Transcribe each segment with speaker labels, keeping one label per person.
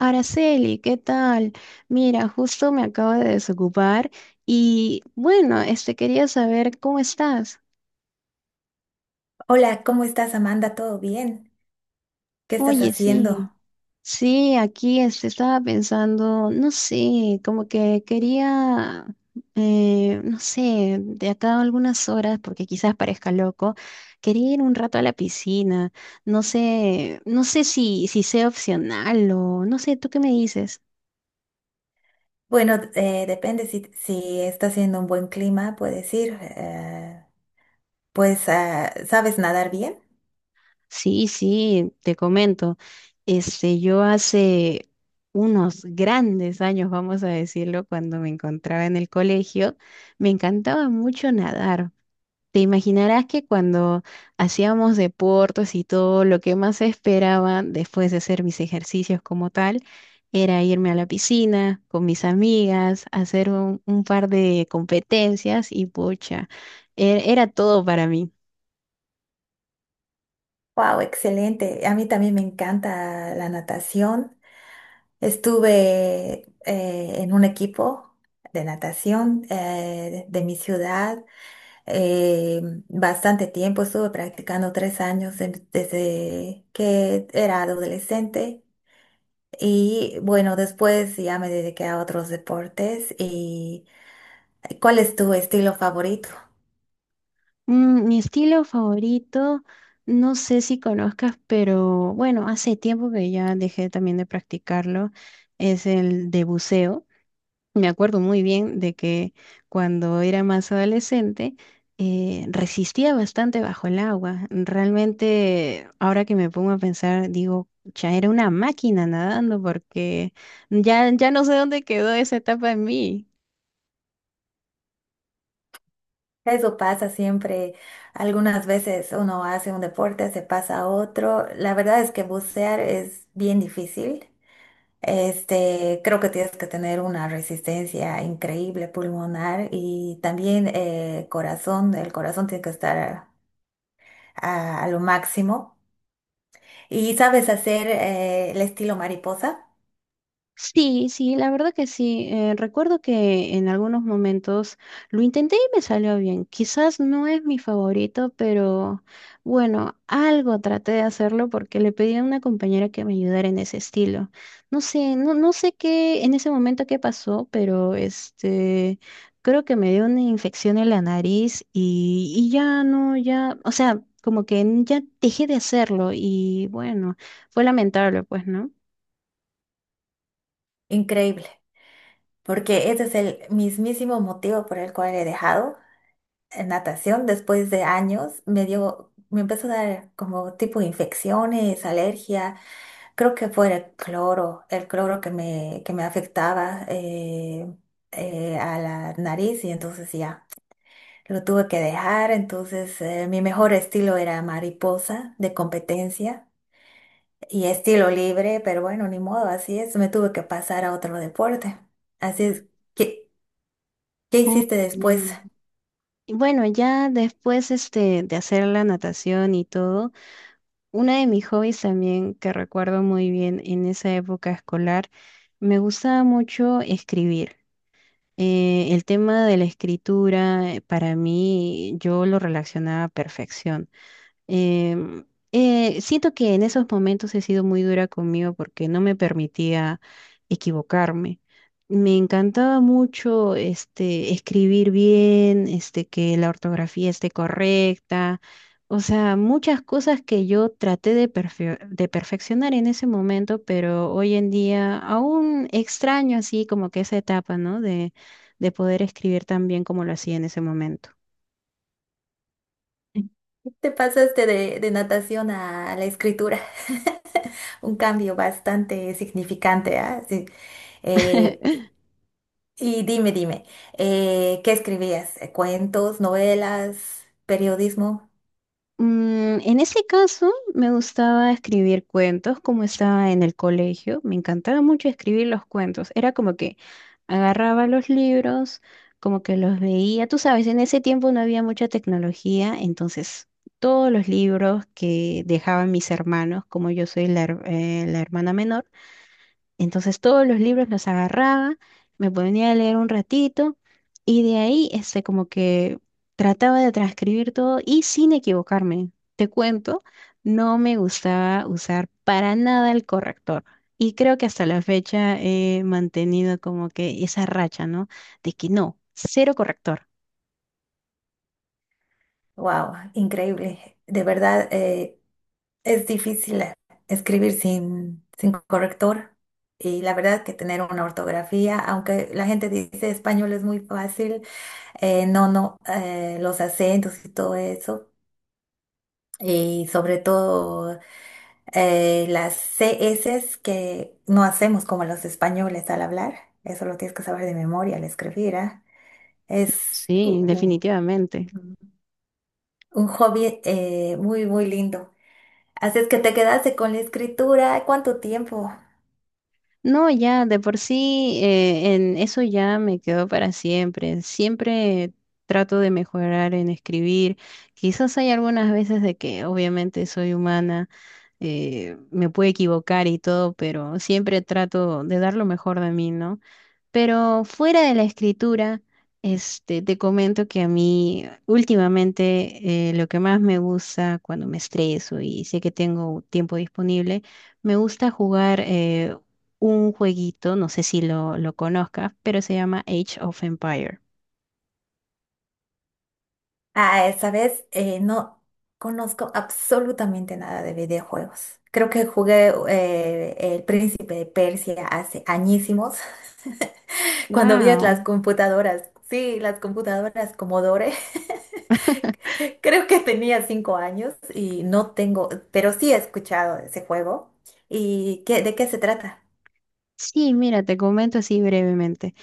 Speaker 1: Araceli, ¿qué tal? Mira, justo me acabo de desocupar y bueno, quería saber cómo estás.
Speaker 2: Hola, ¿cómo estás, Amanda? ¿Todo bien? ¿Qué estás
Speaker 1: Oye, sí,
Speaker 2: haciendo?
Speaker 1: sí, aquí estaba pensando, no sé, como que quería, no sé, de acá a algunas horas, porque quizás parezca loco, quería ir un rato a la piscina. No sé, no sé si sea opcional o no sé, ¿tú qué me dices?
Speaker 2: Bueno, depende si está haciendo un buen clima, puedes ir. Pues, ah, ¿sabes nadar bien?
Speaker 1: Sí, sí, te comento. Yo hace unos grandes años, vamos a decirlo, cuando me encontraba en el colegio, me encantaba mucho nadar. Te imaginarás que cuando hacíamos deportes y todo, lo que más esperaba después de hacer mis ejercicios como tal era irme a la piscina con mis amigas, hacer un par de competencias y pucha, era todo para mí.
Speaker 2: ¡Wow! Excelente. A mí también me encanta la natación. Estuve en un equipo de natación de mi ciudad eh, bastante tiempo. Estuve practicando tres años desde que era adolescente. Y bueno, después ya me dediqué a otros deportes. ¿Y cuál es tu estilo favorito?
Speaker 1: Mm, mi estilo favorito, no sé si conozcas, pero bueno, hace tiempo que ya dejé también de practicarlo, es el de buceo. Me acuerdo muy bien de que cuando era más adolescente resistía bastante bajo el agua. Realmente, ahora que me pongo a pensar, digo, ya era una máquina nadando porque ya no sé dónde quedó esa etapa en mí.
Speaker 2: Eso pasa siempre. Algunas veces uno hace un deporte, se pasa a otro. La verdad es que bucear es bien difícil. Este, creo que tienes que tener una resistencia increíble pulmonar y también corazón. El corazón tiene que estar a lo máximo. ¿Y sabes hacer el estilo mariposa?
Speaker 1: Sí, sí, la verdad que sí. Recuerdo que en algunos momentos lo intenté y me salió bien. Quizás no es mi favorito, pero bueno, algo traté de hacerlo porque le pedí a una compañera que me ayudara en ese estilo. No sé, no, no sé qué en ese momento qué pasó, pero creo que me dio una infección en la nariz y ya no, ya, o sea, como que ya dejé de hacerlo y bueno, fue lamentable, pues, ¿no?
Speaker 2: Increíble. Porque ese es el mismísimo motivo por el cual he dejado natación. Después de años me empezó a dar como tipo infecciones, alergia. Creo que fue el cloro que me afectaba a la nariz y entonces ya. Lo tuve que dejar, entonces mi mejor estilo era mariposa de competencia y estilo libre, pero bueno, ni modo, así es, me tuve que pasar a otro deporte. Así es, que ¿Qué
Speaker 1: Oh,
Speaker 2: hiciste
Speaker 1: ya.
Speaker 2: después?
Speaker 1: No. Y bueno, ya después de hacer la natación y todo, uno de mis hobbies también que recuerdo muy bien en esa época escolar, me gustaba mucho escribir. El tema de la escritura para mí yo lo relacionaba a perfección. Em, siento que en esos momentos he sido muy dura conmigo porque no me permitía equivocarme. Me encantaba mucho escribir bien, que la ortografía esté correcta. O sea, muchas cosas que yo traté de, de perfeccionar en ese momento, pero hoy en día aún extraño así como que esa etapa, ¿no? De poder escribir tan bien como lo hacía en ese momento.
Speaker 2: Te pasaste de natación a la escritura, un cambio bastante significante, ¿ah? Sí. Eh, y dime, dime, ¿qué escribías? ¿Cuentos, novelas, periodismo?
Speaker 1: Mm, en ese caso, me gustaba escribir cuentos como estaba en el colegio. Me encantaba mucho escribir los cuentos. Era como que agarraba los libros, como que los veía. Tú sabes, en ese tiempo no había mucha tecnología, entonces todos los libros que dejaban mis hermanos, como yo soy la, la hermana menor, entonces todos los libros los agarraba, me ponía a leer un ratito y de ahí como que trataba de transcribir todo y sin equivocarme. Te cuento, no me gustaba usar para nada el corrector. Y creo que hasta la fecha he mantenido como que esa racha, ¿no? De que no, cero corrector.
Speaker 2: Wow, increíble. De verdad, es difícil escribir sin corrector. Y la verdad que tener una ortografía, aunque la gente dice español es muy fácil, no, no, los acentos y todo eso. Y sobre todo las CS que no hacemos como los españoles al hablar, eso lo tienes que saber de memoria al escribir, ¿ah? Es
Speaker 1: Sí, definitivamente.
Speaker 2: un, hobby muy, muy lindo. Así es que te quedaste con la escritura, ¿cuánto tiempo?
Speaker 1: No, ya, de por sí, en eso ya me quedo para siempre. Siempre trato de mejorar en escribir. Quizás hay algunas veces de que obviamente soy humana, me puedo equivocar y todo, pero siempre trato de dar lo mejor de mí, ¿no? Pero fuera de la escritura, te comento que a mí últimamente lo que más me gusta cuando me estreso y sé que tengo tiempo disponible, me gusta jugar un jueguito, no sé si lo conozcas, pero se llama Age of Empire.
Speaker 2: Ah, esa vez no conozco absolutamente nada de videojuegos. Creo que jugué El Príncipe de Persia hace añísimos. Cuando vi las
Speaker 1: Wow.
Speaker 2: computadoras, sí, las computadoras Commodore, creo que tenía cinco años y no tengo, pero sí he escuchado ese juego. ¿Y de qué se trata?
Speaker 1: Sí, mira, te comento así brevemente.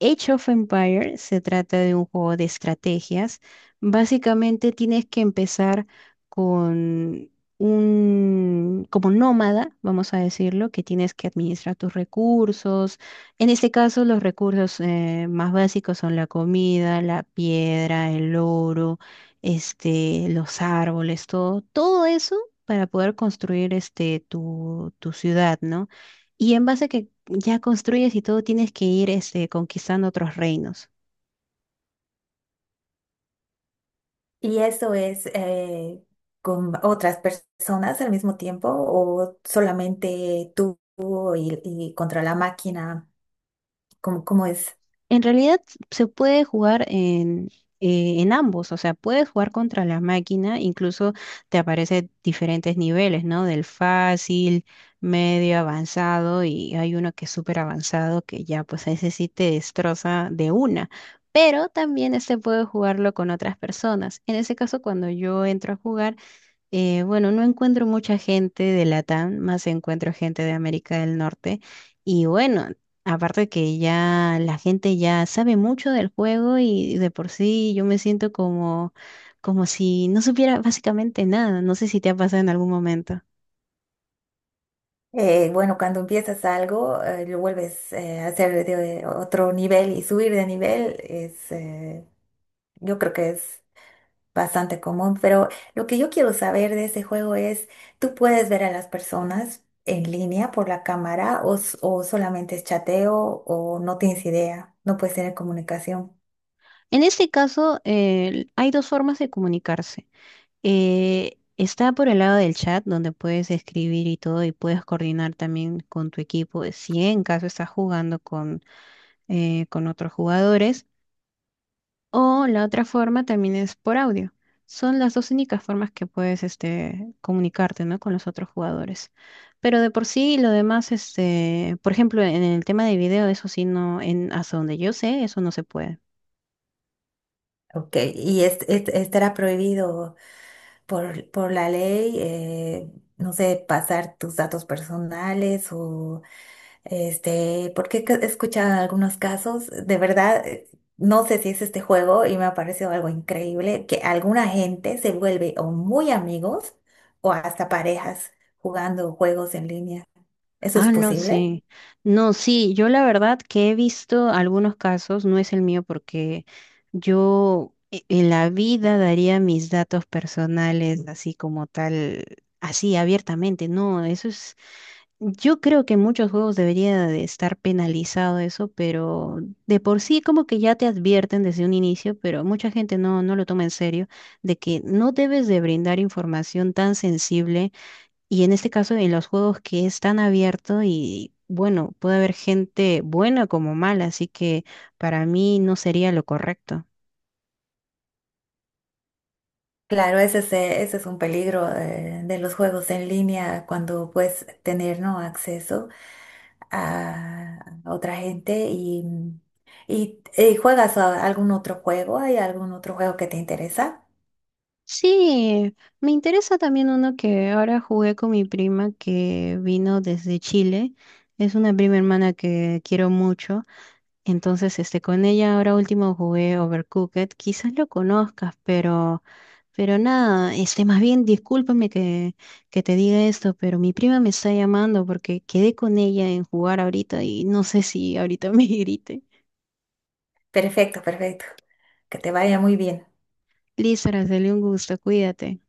Speaker 1: Age of Empires se trata de un juego de estrategias. Básicamente tienes que empezar con un, como nómada, vamos a decirlo, que tienes que administrar tus recursos. En este caso, los recursos más básicos son la comida, la piedra, el oro, los árboles, todo, todo eso para poder construir tu ciudad, ¿no? Y en base a que ya construyes y todo tienes que ir conquistando otros reinos.
Speaker 2: ¿Y eso es con otras personas al mismo tiempo o solamente tú y contra la máquina? ¿Cómo es?
Speaker 1: En realidad se puede jugar en ambos, o sea, puedes jugar contra la máquina, incluso te aparecen diferentes niveles, ¿no? Del fácil, medio avanzado y hay uno que es súper avanzado que ya pues a ese sí te destroza de una. Pero también puede jugarlo con otras personas. En ese caso, cuando yo entro a jugar, bueno, no encuentro mucha gente de Latam, más encuentro gente de América del Norte. Y bueno, aparte que ya la gente ya sabe mucho del juego y de por sí yo me siento como, como si no supiera básicamente nada. No sé si te ha pasado en algún momento.
Speaker 2: Bueno, cuando empiezas algo, lo vuelves a hacer de otro nivel y subir de nivel es, yo creo que es bastante común, pero lo que yo quiero saber de ese juego es, ¿tú puedes ver a las personas en línea por la cámara o, o solamente es chateo o no tienes idea? No puedes tener comunicación.
Speaker 1: En este caso, hay dos formas de comunicarse. Está por el lado del chat, donde puedes escribir y todo, y puedes coordinar también con tu equipo. Si en caso estás jugando con otros jugadores. O la otra forma también es por audio. Son las dos únicas formas que puedes comunicarte, ¿no? con los otros jugadores. Pero de por sí, lo demás, este, por ejemplo, en el tema de video, eso sí, no, en, hasta donde yo sé, eso no se puede.
Speaker 2: Ok, y estará prohibido por la ley, no sé, pasar tus datos personales o Este, porque he escuchado algunos casos, de verdad, no sé si es este juego y me ha parecido algo increíble, que alguna gente se vuelve o muy amigos o hasta parejas jugando juegos en línea. ¿Eso es
Speaker 1: Ah, no, mm,
Speaker 2: posible?
Speaker 1: sí. No, sí, yo la verdad que he visto algunos casos, no es el mío porque en la vida daría mis datos personales así como tal, así abiertamente. No, eso es. Yo creo que en muchos juegos debería de estar penalizado eso, pero de por sí como que ya te advierten desde un inicio, pero mucha gente no, no lo toma en serio, de que no debes de brindar información tan sensible y en este caso en los juegos que es tan abierto y bueno, puede haber gente buena como mala, así que para mí no sería lo correcto.
Speaker 2: Claro, ese es un peligro de, los juegos en línea cuando puedes tener, ¿no? acceso a otra gente y, juegas a algún otro juego, ¿hay algún otro juego que te interesa?
Speaker 1: Sí, me interesa también uno que ahora jugué con mi prima que vino desde Chile. Es una prima hermana que quiero mucho. Entonces, con ella ahora último jugué Overcooked. Quizás lo conozcas, pero nada, más bien discúlpame que te diga esto, pero mi prima me está llamando porque quedé con ella en jugar ahorita y no sé si ahorita me grite.
Speaker 2: Perfecto, perfecto. Que te vaya muy bien.
Speaker 1: Liz, Araceli, un gusto, cuídate.